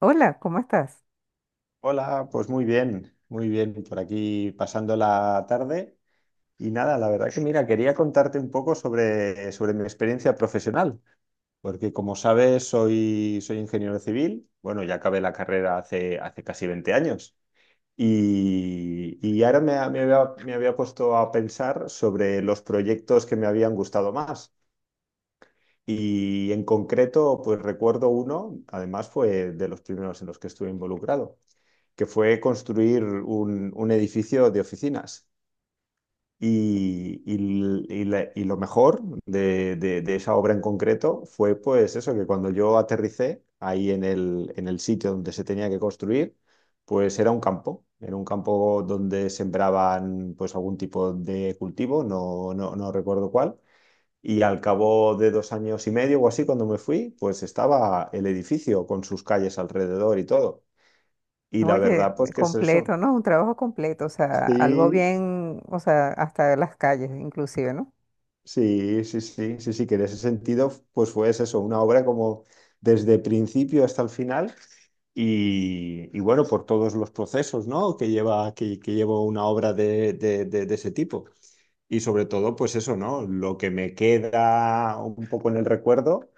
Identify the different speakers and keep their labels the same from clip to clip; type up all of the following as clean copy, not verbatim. Speaker 1: Hola, ¿cómo estás?
Speaker 2: Hola, pues muy bien, por aquí pasando la tarde. Y nada, la verdad que mira, quería contarte un poco sobre mi experiencia profesional, porque como sabes, soy ingeniero civil, bueno, ya acabé la carrera hace casi 20 años. Y ahora me había puesto a pensar sobre los proyectos que me habían gustado más. Y en concreto, pues recuerdo uno, además fue de los primeros en los que estuve involucrado que fue construir un edificio de oficinas. Y lo mejor de esa obra en concreto fue pues eso, que cuando yo aterricé ahí en el sitio donde se tenía que construir, pues era un campo donde sembraban pues algún tipo de cultivo, no, no, no recuerdo cuál. Y al cabo de 2 años y medio o así, cuando me fui, pues estaba el edificio con sus calles alrededor y todo. Y la
Speaker 1: Oye,
Speaker 2: verdad, pues que es eso.
Speaker 1: completo, ¿no? Un trabajo completo, o sea, algo
Speaker 2: Sí,
Speaker 1: bien, o sea, hasta las calles inclusive, ¿no?
Speaker 2: sí, sí, sí, sí, sí, que en ese sentido, pues fue eso, una obra como desde principio hasta el final y bueno, por todos los procesos, ¿no? que lleva una obra de ese tipo. Y sobre todo, pues eso, ¿no? Lo que me queda un poco en el recuerdo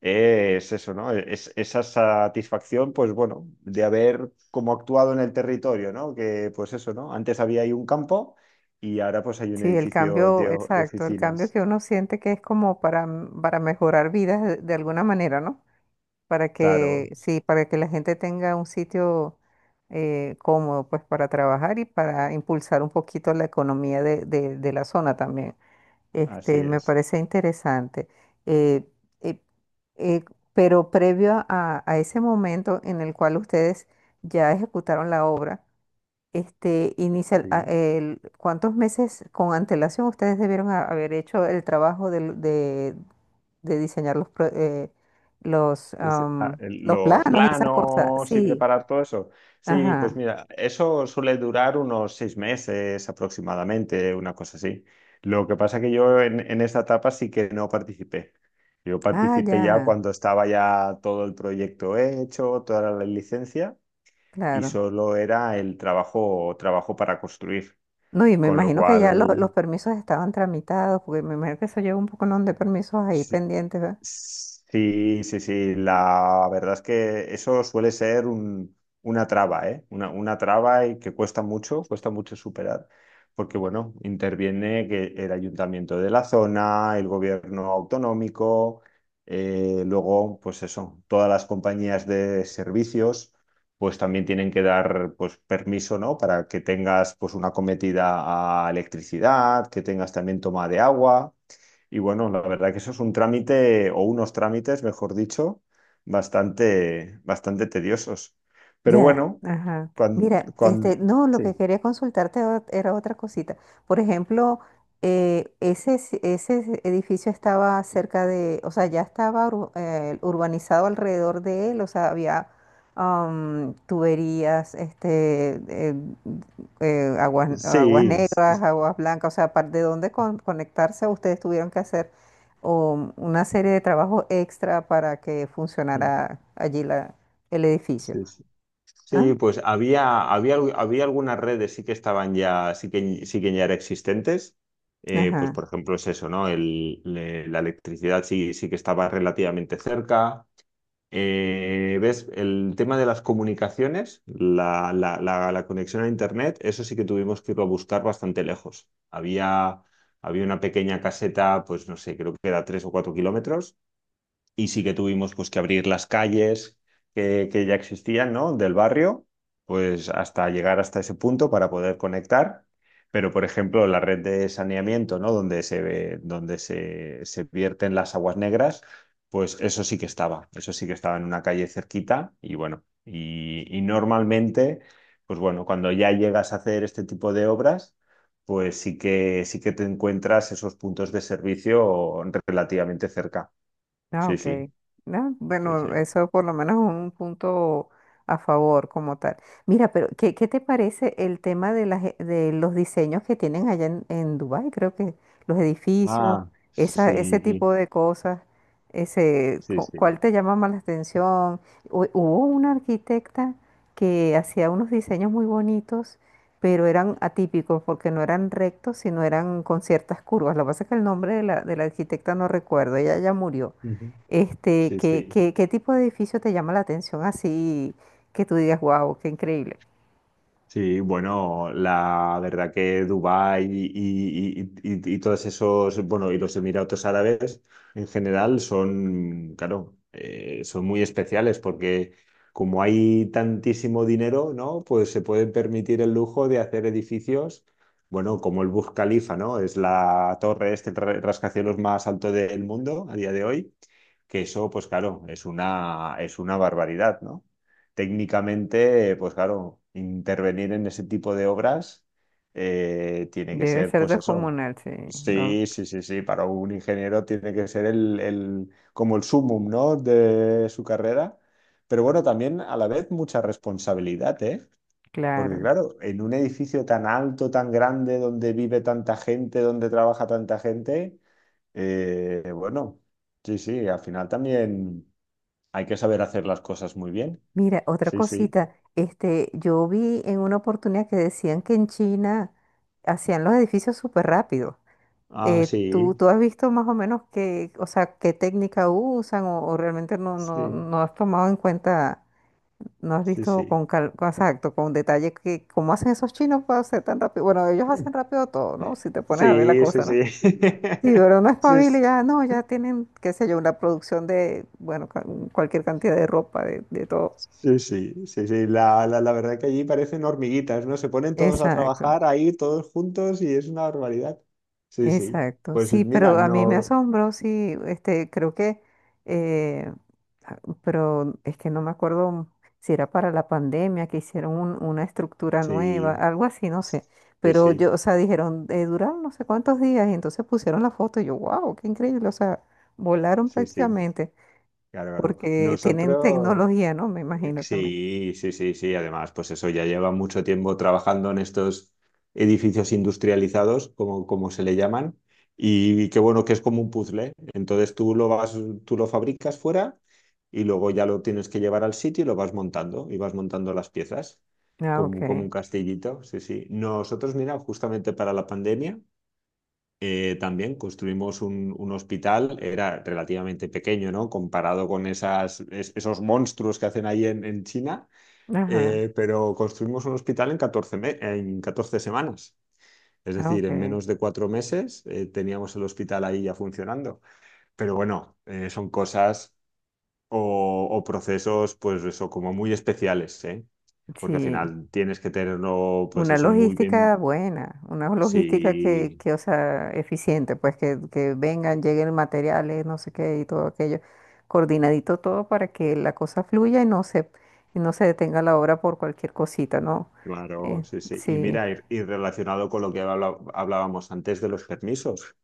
Speaker 2: es eso, ¿no? Es esa satisfacción, pues bueno, de haber como actuado en el territorio, ¿no? Que pues eso, ¿no? Antes había ahí un campo y ahora pues hay un
Speaker 1: Sí, el
Speaker 2: edificio
Speaker 1: cambio,
Speaker 2: de
Speaker 1: exacto, el cambio
Speaker 2: oficinas.
Speaker 1: que uno siente que es como para, para mejorar vidas de alguna manera, ¿no? Para
Speaker 2: Claro,
Speaker 1: que, sí, para que la gente tenga un sitio cómodo, pues, para trabajar y para impulsar un poquito la economía de la zona también.
Speaker 2: así
Speaker 1: Este, me
Speaker 2: es.
Speaker 1: parece interesante. Eh, eh, eh, pero previo a ese momento en el cual ustedes ya ejecutaron la obra, este,
Speaker 2: Sí.
Speaker 1: ¿cuántos meses con antelación ustedes debieron haber hecho el trabajo de diseñar los, pro- los,
Speaker 2: Dice, ah,
Speaker 1: am,
Speaker 2: el-
Speaker 1: los
Speaker 2: los
Speaker 1: planos y esas cosas?
Speaker 2: planos y
Speaker 1: Sí,
Speaker 2: preparar todo eso. Sí, pues
Speaker 1: ajá.
Speaker 2: mira, eso suele durar unos 6 meses aproximadamente, una cosa así. Lo que pasa que yo en esa etapa sí que no participé. Yo
Speaker 1: Ah,
Speaker 2: participé ya
Speaker 1: ya,
Speaker 2: cuando estaba ya todo el proyecto hecho, toda la licencia, y
Speaker 1: claro.
Speaker 2: solo era el trabajo, trabajo para construir.
Speaker 1: No, y me
Speaker 2: Con lo
Speaker 1: imagino que ya los
Speaker 2: cual,
Speaker 1: permisos estaban tramitados, porque me imagino que eso lleva un poco, ¿no?, de permisos ahí
Speaker 2: sí,
Speaker 1: pendientes, ¿verdad?
Speaker 2: sí, sí, sí. La verdad es que eso suele ser una traba, ¿eh? Una traba y que cuesta mucho superar, porque bueno, interviene que el ayuntamiento de la zona, el gobierno autonómico, luego, pues eso, todas las compañías de servicios, pues también tienen que dar, pues, permiso, ¿no? Para que tengas, pues, una cometida a electricidad, que tengas también toma de agua. Y bueno, la verdad que eso es un trámite, o unos trámites, mejor dicho, bastante, bastante tediosos. Pero
Speaker 1: Ya,
Speaker 2: bueno,
Speaker 1: ajá.
Speaker 2: cuando,
Speaker 1: Mira, este, no, lo que
Speaker 2: sí,
Speaker 1: quería consultarte era otra cosita. Por ejemplo, edificio estaba cerca de, o sea, ya urbanizado alrededor de él, o sea, había tuberías, aguas
Speaker 2: sí,
Speaker 1: negras, aguas blancas, o sea, de dónde conectarse, ustedes tuvieron que hacer o una serie de trabajos extra para que
Speaker 2: mm,
Speaker 1: funcionara allí el edificio.
Speaker 2: sí, sí. Sí,
Speaker 1: Ah,
Speaker 2: pues había algunas redes sí que estaban ya, sí que ya eran existentes. Pues
Speaker 1: ajá.
Speaker 2: por ejemplo es eso, ¿no? La electricidad sí, sí que estaba relativamente cerca. ¿Ves? El tema de las comunicaciones, la conexión a Internet, eso sí que tuvimos que irlo a buscar bastante lejos. Había una pequeña caseta, pues no sé, creo que era 3 o 4 kilómetros, y sí que tuvimos pues, que abrir las calles que ya existían, ¿no? Del barrio, pues hasta llegar hasta ese punto para poder conectar. Pero, por ejemplo, la red de saneamiento, ¿no? Donde se ve- donde se vierten las aguas negras, pues eso sí que estaba. Eso sí que estaba en una calle cerquita. Y bueno, y normalmente, pues bueno, cuando ya llegas a hacer este tipo de obras, pues sí que te encuentras esos puntos de servicio relativamente cerca.
Speaker 1: Ah,
Speaker 2: Sí,
Speaker 1: ok.
Speaker 2: sí.
Speaker 1: Ah,
Speaker 2: Sí,
Speaker 1: bueno,
Speaker 2: sí.
Speaker 1: eso por lo menos es un punto a favor como tal. Mira, pero ¿qué, qué te parece el tema de, de los diseños que tienen allá en Dubái? Creo que los edificios,
Speaker 2: Ah,
Speaker 1: ese
Speaker 2: sí,
Speaker 1: tipo de cosas,
Speaker 2: sí, sí.
Speaker 1: ¿cuál te llama más la atención? Hubo una arquitecta que hacía unos diseños muy bonitos, pero eran atípicos porque no eran rectos, sino eran con ciertas curvas. Lo que pasa es que el nombre de la arquitecta no recuerdo, ella ya murió.
Speaker 2: Ujú.
Speaker 1: Este,
Speaker 2: Sí, sí.
Speaker 1: qué tipo de edificio te llama la atención así que tú digas, wow, qué increíble?
Speaker 2: Sí, bueno, la verdad que Dubái y todos esos, bueno, y los Emiratos Árabes en general son, claro, son muy especiales porque como hay tantísimo dinero, ¿no? Pues se pueden permitir el lujo de hacer edificios, bueno, como el Burj Khalifa, ¿no? Es la torre, rascacielos más alto del mundo a día de hoy, que eso, pues claro, es una barbaridad, ¿no? Técnicamente, pues claro, intervenir en ese tipo de obras tiene que
Speaker 1: Debe
Speaker 2: ser,
Speaker 1: ser
Speaker 2: pues eso.
Speaker 1: descomunal, sí, ¿no?
Speaker 2: Sí, sí, sí, sí. Para un ingeniero tiene que ser como el sumum, ¿no? de su carrera. Pero bueno, también a la vez mucha responsabilidad, ¿eh? Porque
Speaker 1: Claro.
Speaker 2: claro, en un edificio tan alto, tan grande, donde vive tanta gente, donde trabaja tanta gente, bueno, sí, sí, al final también hay que saber hacer las cosas muy bien.
Speaker 1: Mira, otra
Speaker 2: Sí, sí.
Speaker 1: cosita, este, yo vi en una oportunidad que decían que en China hacían los edificios súper rápido.
Speaker 2: Ah, sí,
Speaker 1: Tú has visto más o menos qué, o sea, qué técnica usan o realmente
Speaker 2: sí,
Speaker 1: no has tomado en cuenta? No has
Speaker 2: sí,
Speaker 1: visto con
Speaker 2: sí.
Speaker 1: calma, exacto, con detalle, que cómo hacen esos chinos para hacer tan rápido. Bueno, ellos hacen rápido todo, ¿no? Si te pones a ver la
Speaker 2: Sí, sí,
Speaker 1: cosa, ¿no?
Speaker 2: sí.
Speaker 1: Sí, pero no
Speaker 2: Sí,
Speaker 1: espabila, y
Speaker 2: sí,
Speaker 1: ya, no, ya tienen, qué sé yo, una producción de, bueno, cualquier cantidad de ropa, de todo.
Speaker 2: sí, sí, sí, sí. La verdad que allí parecen hormiguitas, ¿no? Se ponen todos a
Speaker 1: Exacto.
Speaker 2: trabajar ahí, todos juntos, y es una barbaridad. Sí, sí.
Speaker 1: Exacto,
Speaker 2: Pues
Speaker 1: sí,
Speaker 2: mira,
Speaker 1: pero a mí me
Speaker 2: no.
Speaker 1: asombró, sí, este, creo que, eh, pero es que no me acuerdo si era para la pandemia que hicieron una estructura nueva,
Speaker 2: Sí,
Speaker 1: algo así, no sé,
Speaker 2: sí,
Speaker 1: pero yo,
Speaker 2: sí,
Speaker 1: o sea, dijeron, duraron no sé cuántos días y entonces pusieron la foto y yo, wow, qué increíble, o sea, volaron
Speaker 2: sí, sí.
Speaker 1: prácticamente
Speaker 2: Claro, claro.
Speaker 1: porque tienen
Speaker 2: Nosotros.
Speaker 1: tecnología, ¿no? Me imagino también.
Speaker 2: Sí, sí, sí, sí. Además, pues eso ya lleva mucho tiempo trabajando en estos edificios industrializados, como se le llaman, y, qué bueno que es como un puzzle, ¿eh? Entonces tú lo vas, tú lo fabricas fuera y luego ya lo tienes que llevar al sitio y lo vas montando, y vas montando las piezas
Speaker 1: Ah,
Speaker 2: como
Speaker 1: ok,
Speaker 2: un castillito. Sí, sí. Nosotros, mira, justamente para la pandemia. También construimos un hospital, era relativamente pequeño, ¿no? Comparado con esos monstruos que hacen ahí en China,
Speaker 1: ajá,
Speaker 2: pero construimos un hospital en catorce semanas. Es
Speaker 1: ah,
Speaker 2: decir,
Speaker 1: ok,
Speaker 2: en menos de 4 meses teníamos el hospital ahí ya funcionando. Pero bueno, son cosas o procesos, pues eso, como muy especiales, ¿eh? Porque al
Speaker 1: sí.
Speaker 2: final tienes que tenerlo, pues
Speaker 1: Una
Speaker 2: eso, muy
Speaker 1: logística
Speaker 2: bien.
Speaker 1: buena, una logística
Speaker 2: Sí,
Speaker 1: que, o sea, eficiente, pues que vengan, lleguen materiales, no sé qué y todo aquello, coordinadito todo para que la cosa fluya y no se detenga la obra por cualquier cosita, ¿no?
Speaker 2: claro,
Speaker 1: Eh,
Speaker 2: sí, sí. Y
Speaker 1: sí,
Speaker 2: mira, y relacionado con lo que hablábamos antes de los permisos.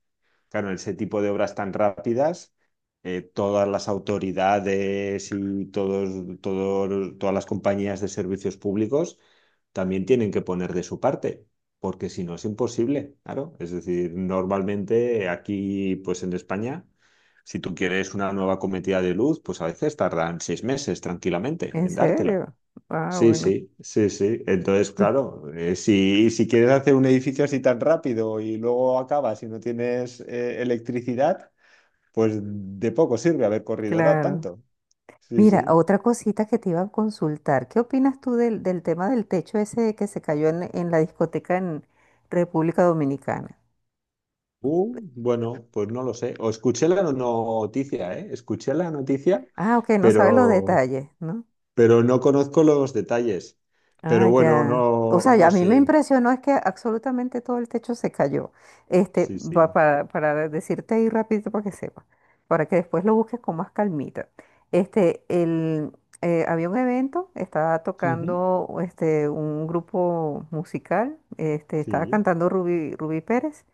Speaker 2: Claro, en ese tipo de obras tan rápidas, todas las autoridades y todas las compañías de servicios públicos también tienen que poner de su parte, porque si no es imposible, claro. Es decir, normalmente aquí, pues en España, si tú quieres una nueva cometida de luz, pues a veces tardan 6 meses tranquilamente
Speaker 1: en
Speaker 2: en dártela.
Speaker 1: serio. Ah,
Speaker 2: Sí,
Speaker 1: bueno,
Speaker 2: sí, sí, sí. Entonces,
Speaker 1: mi-
Speaker 2: claro, si quieres hacer un edificio así tan rápido y luego acabas y no tienes electricidad, pues de poco sirve haber corrido ta-
Speaker 1: claro.
Speaker 2: tanto. Sí,
Speaker 1: Mira,
Speaker 2: sí.
Speaker 1: otra cosita que te iba a consultar, ¿qué opinas tú del, del tema del techo ese que se cayó en la discoteca en República Dominicana?
Speaker 2: Bueno, pues no lo sé. O escuché la noticia, ¿eh? Escuché la noticia,
Speaker 1: Ah, ok, no sabes los
Speaker 2: pero,
Speaker 1: detalles, ¿no?
Speaker 2: pero no conozco los detalles. Pero
Speaker 1: Ah,
Speaker 2: bueno,
Speaker 1: ya. O
Speaker 2: no,
Speaker 1: sea, ya
Speaker 2: no
Speaker 1: a mí me
Speaker 2: sé.
Speaker 1: impresionó es que absolutamente todo el techo se cayó. Este,
Speaker 2: Sí,
Speaker 1: va
Speaker 2: sí.
Speaker 1: para decirte ahí rápido para que sepas, para que después lo busques con más calmita. Este, el, había un evento, estaba
Speaker 2: Ujú.
Speaker 1: tocando este, un grupo musical, este, estaba
Speaker 2: Sí.
Speaker 1: cantando Rubí, Rubí Pérez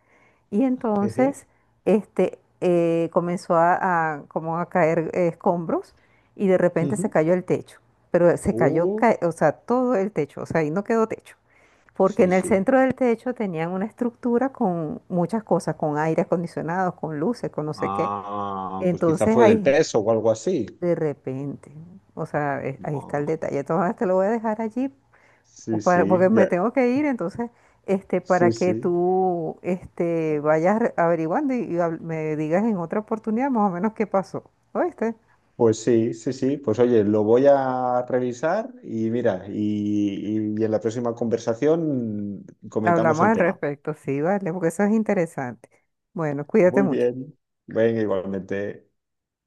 Speaker 1: y
Speaker 2: Jeje.
Speaker 1: entonces este, comenzó a, como a caer escombros y de repente se
Speaker 2: Ujú.
Speaker 1: cayó el techo. Pero se cayó,
Speaker 2: Uh,
Speaker 1: o sea, todo el techo, o sea, ahí no quedó techo. Porque
Speaker 2: sí,
Speaker 1: en el
Speaker 2: sí.
Speaker 1: centro del techo tenían una estructura con muchas cosas, con aire acondicionado, con luces, con no sé qué.
Speaker 2: Ah, pues quizá
Speaker 1: Entonces
Speaker 2: fue del
Speaker 1: ahí,
Speaker 2: peso o algo así.
Speaker 1: de repente, o sea, ahí está el
Speaker 2: Bueno,
Speaker 1: detalle. Entonces te lo voy a dejar allí o
Speaker 2: sí, sí,
Speaker 1: porque me
Speaker 2: ya,
Speaker 1: tengo que ir, entonces, este, para
Speaker 2: sí,
Speaker 1: que
Speaker 2: sí.
Speaker 1: tú, este, averiguando y me digas en otra oportunidad más o menos qué pasó, ¿oíste?
Speaker 2: Pues sí, sí, sí. Pues oye, lo voy a revisar y mira, y en la próxima conversación comentamos
Speaker 1: Hablamos
Speaker 2: el
Speaker 1: al
Speaker 2: tema.
Speaker 1: respecto, sí, vale, porque eso es interesante. Bueno, cuídate
Speaker 2: Muy
Speaker 1: mucho.
Speaker 2: bien. Venga, igualmente.